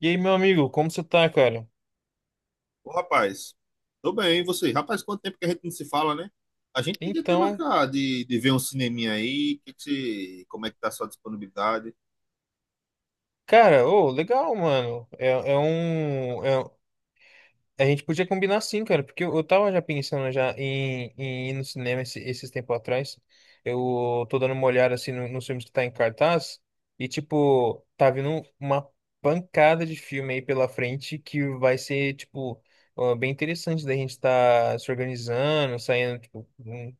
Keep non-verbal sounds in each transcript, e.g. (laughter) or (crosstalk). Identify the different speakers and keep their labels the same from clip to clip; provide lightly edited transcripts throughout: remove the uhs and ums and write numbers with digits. Speaker 1: E aí, meu amigo, como você tá, cara?
Speaker 2: Ô, rapaz, tô bem, e você? Rapaz, quanto tempo que a gente não se fala, né? A gente tem que até
Speaker 1: Então,
Speaker 2: marcar de ver um cineminha aí, que você, como é que tá a sua disponibilidade?
Speaker 1: cara, ô, legal, mano. A gente podia combinar sim, cara, porque eu tava já pensando já em ir no cinema esses tempos atrás. Eu tô dando uma olhada assim nos filmes que tá em cartaz e, tipo, tá vindo uma pancada de filme aí pela frente que vai ser, tipo, ó, bem interessante da gente tá se organizando, saindo, tipo, um-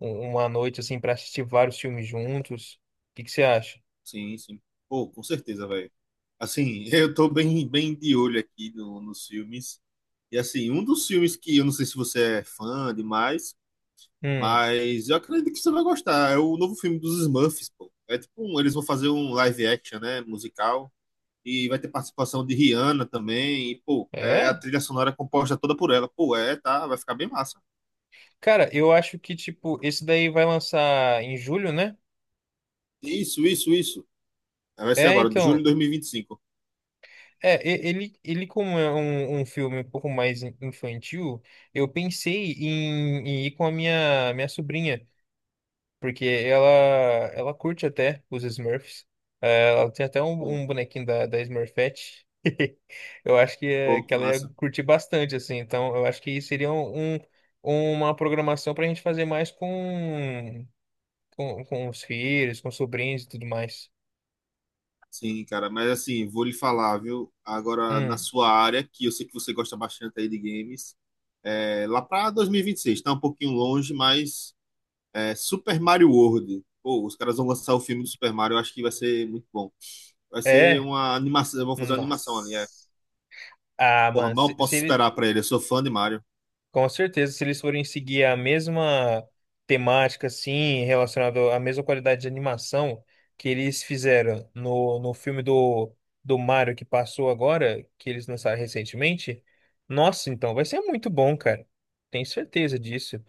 Speaker 1: um, uma noite assim pra assistir vários filmes juntos. O que que você acha?
Speaker 2: Sim, sim. Pô, com certeza, velho. Assim, (laughs) eu tô bem de olho aqui no, nos filmes. E assim, um dos filmes que eu não sei se você é fã demais,
Speaker 1: Hum,
Speaker 2: mas eu acredito que você vai gostar. É o novo filme dos Smurfs, pô. É tipo um, eles vão fazer um live action, né, musical. E vai ter participação de Rihanna também. E, pô, é, a
Speaker 1: é?
Speaker 2: trilha sonora é composta toda por ela. Pô, é, tá, vai ficar bem massa.
Speaker 1: Cara, eu acho que, tipo, esse daí vai lançar em julho, né?
Speaker 2: Isso, isso, isso. É, vai ser
Speaker 1: É,
Speaker 2: agora, de julho
Speaker 1: então.
Speaker 2: de 2025.
Speaker 1: Ele como é um filme um pouco mais infantil, eu pensei em ir com a minha sobrinha, porque ela curte até os Smurfs. É, ela tem até um,
Speaker 2: Pô,
Speaker 1: um bonequinho da Smurfette. (laughs) Eu acho que, que
Speaker 2: que
Speaker 1: ela ia
Speaker 2: massa.
Speaker 1: curtir bastante, assim. Então, eu acho que seria uma programação pra gente fazer mais com os filhos, com os sobrinhos e tudo mais.
Speaker 2: Sim, cara, mas assim, vou lhe falar, viu? Agora, na
Speaker 1: Hum,
Speaker 2: sua área, que eu sei que você gosta bastante aí de games, é, lá pra 2026, tá um pouquinho longe, mas é, Super Mario World. Pô, os caras vão lançar o filme do Super Mario, eu acho que vai ser muito bom. Vai ser
Speaker 1: é?
Speaker 2: uma animação, vão fazer uma animação ali, é.
Speaker 1: Nossa. Ah,
Speaker 2: Porra,
Speaker 1: mano, se,
Speaker 2: mal
Speaker 1: se
Speaker 2: posso
Speaker 1: ele-
Speaker 2: esperar pra ele, eu sou fã de Mario.
Speaker 1: com certeza, se eles forem seguir a mesma temática, assim, relacionado à mesma qualidade de animação que eles fizeram no filme do Mario que passou agora, que eles lançaram recentemente, nossa, então vai ser muito bom, cara. Tenho certeza disso.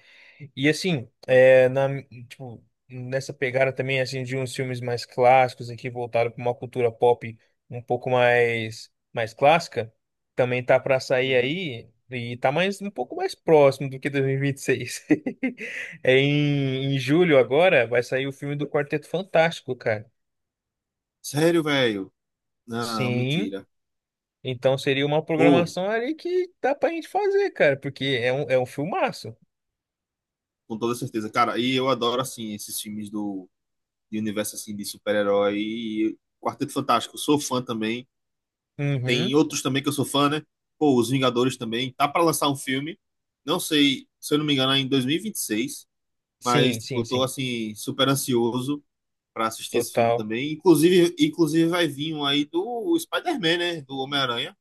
Speaker 1: E assim, tipo, nessa pegada também assim de uns filmes mais clássicos aqui voltado para uma cultura pop um pouco mais clássica, também tá para sair
Speaker 2: Uhum.
Speaker 1: aí e tá mais um pouco mais próximo do que 2026. (laughs) É em julho agora vai sair o filme do Quarteto Fantástico, cara.
Speaker 2: Sério, velho? Não,
Speaker 1: Sim,
Speaker 2: mentira.
Speaker 1: então seria uma
Speaker 2: Ou,
Speaker 1: programação ali que dá pra gente fazer, cara, porque é um filmaço.
Speaker 2: com toda certeza. Cara, e eu adoro, assim, esses filmes do de universo, assim, de super-herói. E Quarteto Fantástico, sou fã também. Tem
Speaker 1: Uhum.
Speaker 2: outros também que eu sou fã, né? Pô, Os Vingadores também. Tá pra lançar um filme. Não sei, se eu não me engano, é em 2026. Mas,
Speaker 1: Sim,
Speaker 2: tipo,
Speaker 1: sim,
Speaker 2: eu tô,
Speaker 1: sim.
Speaker 2: assim, super ansioso pra assistir esse filme
Speaker 1: Total.
Speaker 2: também. Inclusive vai vir um aí do Spider-Man, né? Do Homem-Aranha.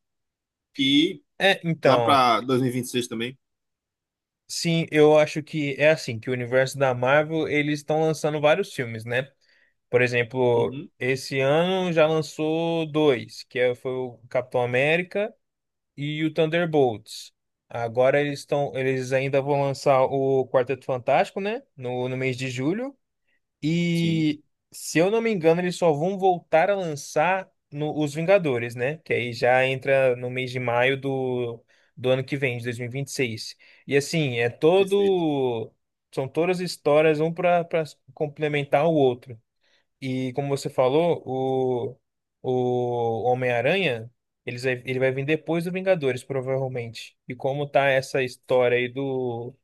Speaker 2: Que
Speaker 1: É,
Speaker 2: lá
Speaker 1: então,
Speaker 2: pra 2026 também.
Speaker 1: sim, eu acho que é assim, que o universo da Marvel, eles estão lançando vários filmes, né? Por exemplo,
Speaker 2: Uhum,
Speaker 1: esse ano já lançou dois, foi o Capitão América e o Thunderbolts. Agora eles ainda vão lançar o Quarteto Fantástico, né? No mês de julho.
Speaker 2: sim.
Speaker 1: E se eu não me engano, eles só vão voltar a lançar no, os Vingadores, né? Que aí já entra no mês de maio do ano que vem, de 2026. E 26. E assim, é
Speaker 2: Perfeito.
Speaker 1: todo. São todas histórias, um para complementar o outro. E como você falou, o Homem-Aranha, ele vai vir depois do Vingadores, provavelmente. E como tá essa história aí do,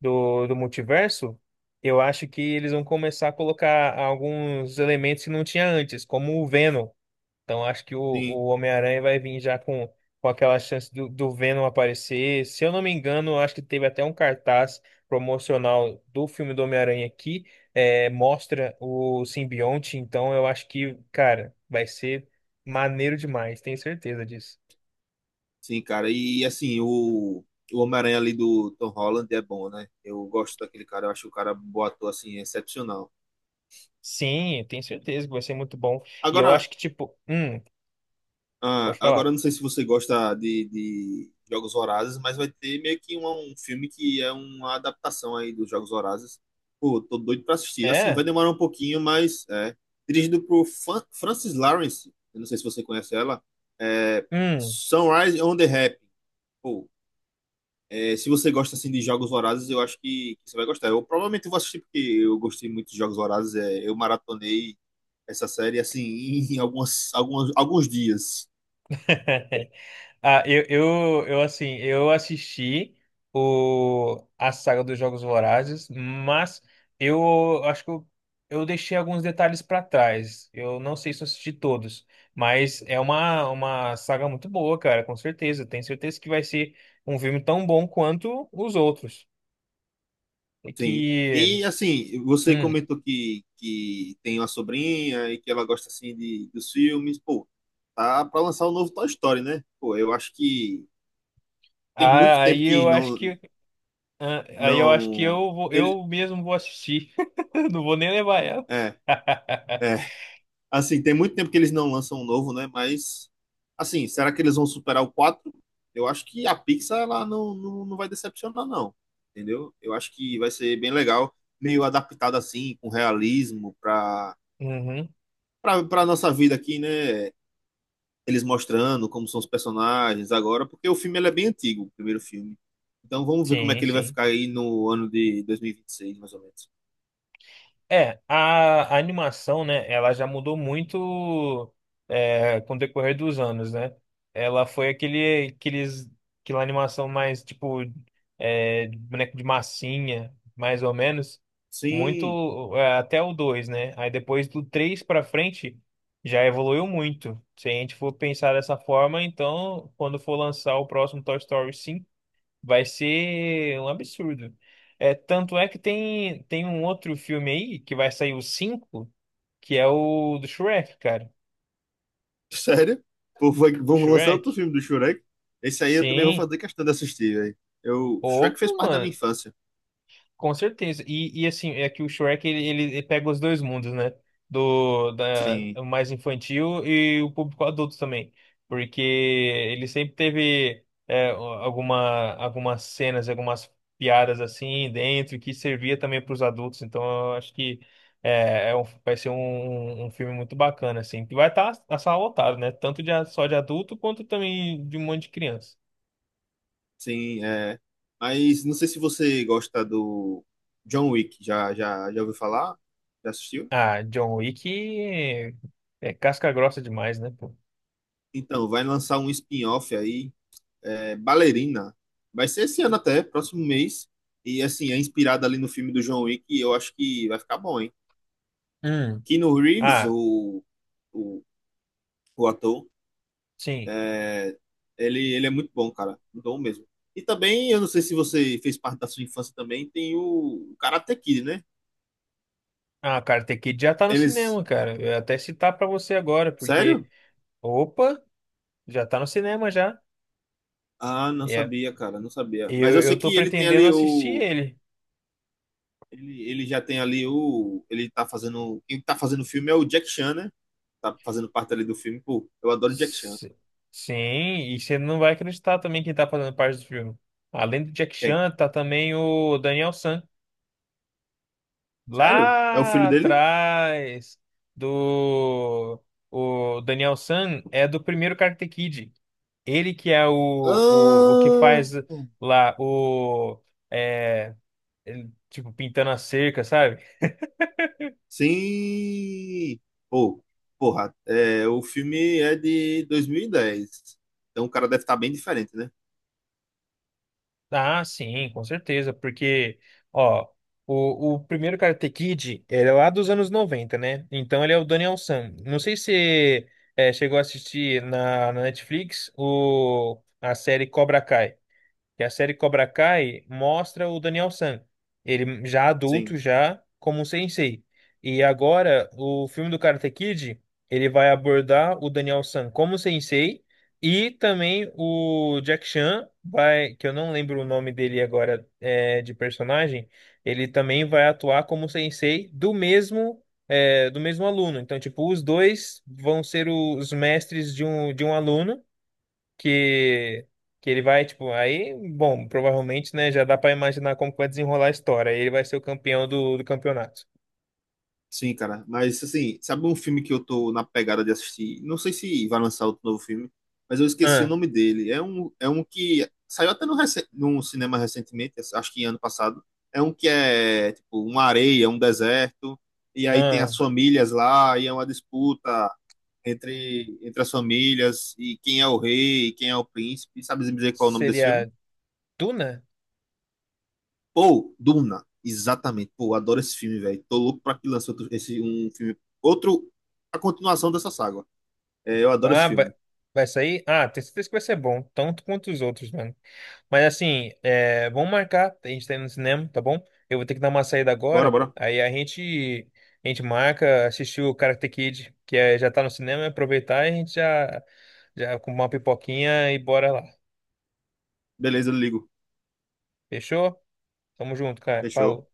Speaker 1: do, do multiverso, eu acho que eles vão começar a colocar alguns elementos que não tinha antes, como o Venom. Então acho que o,
Speaker 2: Sim,
Speaker 1: o Homem-Aranha vai vir já com aquela chance do Venom aparecer. Se eu não me engano, acho que teve até um cartaz promocional do filme do Homem-Aranha aqui, mostra o simbionte. Então eu acho que, cara, vai ser maneiro demais, tenho certeza disso.
Speaker 2: sim, cara. E assim, o Homem-Aranha ali do Tom Holland é bom, né? Eu gosto daquele cara, eu acho o cara bom ator, assim, excepcional.
Speaker 1: Sim, eu tenho certeza que vai ser muito bom. E eu
Speaker 2: Agora,
Speaker 1: acho que, tipo,
Speaker 2: ah,
Speaker 1: pode
Speaker 2: agora
Speaker 1: falar.
Speaker 2: eu não sei se você gosta de Jogos Vorazes, mas vai ter meio que um filme que é uma adaptação aí dos Jogos Vorazes. Pô, tô doido pra assistir. Assim, vai
Speaker 1: É?
Speaker 2: demorar um pouquinho, mas é. Dirigido por Francis Lawrence, eu não sei se você conhece ela, é
Speaker 1: Hum.
Speaker 2: Sunrise on the Rap. É, se você gosta assim de jogos vorazes, eu acho que você vai gostar. Eu provavelmente vou assistir porque eu gostei muito de jogos vorazes. É, eu maratonei essa série assim (laughs) em alguns dias.
Speaker 1: (laughs) Ah, eu assisti a saga dos Jogos Vorazes, mas eu acho que eu deixei alguns detalhes para trás. Eu não sei se eu assisti todos, mas é uma saga muito boa, cara, com certeza. Tenho certeza que vai ser um filme tão bom quanto os outros. E
Speaker 2: Sim.
Speaker 1: que,
Speaker 2: E assim, você
Speaker 1: hum,
Speaker 2: comentou que tem uma sobrinha e que ela gosta assim dos filmes. Pô, tá pra lançar o novo Toy Story, né? Pô, eu acho que tem muito
Speaker 1: ah,
Speaker 2: tempo
Speaker 1: aí
Speaker 2: que
Speaker 1: eu acho
Speaker 2: não
Speaker 1: que, ah, aí eu acho que
Speaker 2: não ele
Speaker 1: eu mesmo vou assistir. (laughs) Não vou nem levar ela.
Speaker 2: é,
Speaker 1: (laughs)
Speaker 2: é. Assim, tem muito tempo que eles não lançam um novo, né? Mas, assim, será que eles vão superar o quatro? Eu acho que a Pixar, ela não vai decepcionar, não. Entendeu? Eu acho que vai ser bem legal, meio adaptado assim, com realismo,
Speaker 1: Uhum,
Speaker 2: pra nossa vida aqui, né? Eles mostrando como são os personagens agora, porque o filme ele é bem antigo, o primeiro filme. Então vamos ver como é
Speaker 1: sim,
Speaker 2: que ele vai
Speaker 1: sim.
Speaker 2: ficar aí no ano de dois mil e vinte e seis mais ou menos.
Speaker 1: É, a animação, né, ela já mudou muito com o decorrer dos anos, né? Ela foi aquela animação mais, tipo, de boneco de massinha, mais ou menos,
Speaker 2: Sim,
Speaker 1: muito, até o 2, né? Aí depois do 3 pra frente, já evoluiu muito. Se a gente for pensar dessa forma, então, quando for lançar o próximo Toy Story cinco, vai ser um absurdo. É, tanto é que tem um outro filme aí que vai sair o 5 que é o do Shrek, cara.
Speaker 2: sério? Pô,
Speaker 1: O
Speaker 2: vamos lançar outro
Speaker 1: Shrek.
Speaker 2: filme do Shrek? Esse aí eu também vou
Speaker 1: Sim.
Speaker 2: fazer questão de assistir, velho. Eu, Shrek
Speaker 1: Opa,
Speaker 2: fez parte da minha
Speaker 1: mano.
Speaker 2: infância.
Speaker 1: Com certeza. E assim, é que o Shrek ele, ele pega os dois mundos, né? Do da,
Speaker 2: Sim,
Speaker 1: o mais infantil e o público adulto também. Porque ele sempre teve algumas cenas, algumas piadas assim dentro que servia também para os adultos. Então eu acho que vai ser um filme muito bacana, assim. Que vai estar a sala lotada, né? Tanto só de adulto quanto também de um monte de criança.
Speaker 2: sim, é. Mas não sei se você gosta do John Wick. Já ouviu falar? Já assistiu?
Speaker 1: Ah, John Wick é casca grossa demais, né? Pô?
Speaker 2: Então, vai lançar um spin-off aí, é, Ballerina. Vai ser esse ano até, próximo mês. E assim, é inspirado ali no filme do John Wick. E eu acho que vai ficar bom, hein?
Speaker 1: Hum.
Speaker 2: Keanu Reeves,
Speaker 1: Ah,
Speaker 2: o, o ator.
Speaker 1: sim.
Speaker 2: É, ele é muito bom, cara. Muito bom mesmo. E também, eu não sei se você fez parte da sua infância também, tem o Karate Kid, né?
Speaker 1: Ah, Karate Kid já tá no
Speaker 2: Eles.
Speaker 1: cinema, cara. Eu ia até citar pra você agora, porque,
Speaker 2: Sério?
Speaker 1: opa, já tá no cinema já.
Speaker 2: Ah, não
Speaker 1: É.
Speaker 2: sabia, cara, não sabia. Mas
Speaker 1: Eu,
Speaker 2: eu sei
Speaker 1: eu tô
Speaker 2: que ele tem
Speaker 1: pretendendo
Speaker 2: ali
Speaker 1: assistir
Speaker 2: o.
Speaker 1: ele.
Speaker 2: Ele já tem ali o. Ele tá fazendo. Quem tá fazendo o filme é o Jack Chan, né? Tá fazendo parte ali do filme. Pô, eu adoro o Jack Chan.
Speaker 1: S- Sim, e você não vai acreditar também quem tá fazendo parte do filme. Além do Jack
Speaker 2: Quem?
Speaker 1: Chan, tá também o Daniel San.
Speaker 2: Sério? É o
Speaker 1: Lá
Speaker 2: filho dele?
Speaker 1: atrás do... O Daniel San é do primeiro Karate Kid. Ele que é o que
Speaker 2: Ah!
Speaker 1: faz lá o. É, ele, tipo, pintando a cerca, sabe?
Speaker 2: Sim! Pô, porra, é, o filme é de 2010. Então o cara deve estar bem diferente, né?
Speaker 1: Ah, sim, com certeza, porque, ó, o primeiro Karate Kid, ele é lá dos anos 90, né? Então ele é o Daniel San. Não sei se chegou a assistir na Netflix a série Cobra Kai. Que a série Cobra Kai mostra o Daniel San, ele já
Speaker 2: Sim,
Speaker 1: adulto, já como um sensei. E agora, o filme do Karate Kid, ele vai abordar o Daniel San como sensei e também o Jack Chan vai, que eu não lembro o nome dele agora de personagem, ele também vai atuar como sensei do mesmo aluno. Então, tipo, os dois vão ser os mestres de um aluno que que ele vai, tipo, aí, bom, provavelmente, né, já dá pra imaginar como que vai desenrolar a história. Ele vai ser o campeão do campeonato.
Speaker 2: sim, cara. Mas assim, sabe um filme que eu tô na pegada de assistir? Não sei se vai lançar outro novo filme, mas eu esqueci o
Speaker 1: Ah,
Speaker 2: nome dele. É um que saiu até no, num cinema recentemente, acho que ano passado. É um que é tipo uma areia, um deserto, e aí tem as
Speaker 1: ah,
Speaker 2: famílias lá, e é uma disputa entre as famílias e quem é o rei e quem é o príncipe. Sabe me dizer qual é o nome desse filme?
Speaker 1: seria Duna?
Speaker 2: Pô, Duna. Exatamente. Pô, adoro esse filme, velho. Tô louco pra que lance outro, esse, um filme. Outro, a continuação dessa saga. É, eu adoro esse
Speaker 1: Ah, vai,
Speaker 2: filme.
Speaker 1: vai sair? Ah, tenho certeza que vai ser bom, tanto quanto os outros, mano. Mas assim, vamos marcar, a gente tá indo no cinema, tá bom? Eu vou ter que dar uma saída
Speaker 2: Bora,
Speaker 1: agora,
Speaker 2: bora.
Speaker 1: aí a gente marca, assistir o Karate Kid, que já tá no cinema, aproveitar e a gente já já com uma pipoquinha e bora lá.
Speaker 2: Beleza, eu ligo.
Speaker 1: Fechou? Tamo junto, cara.
Speaker 2: Fechou.
Speaker 1: Falou.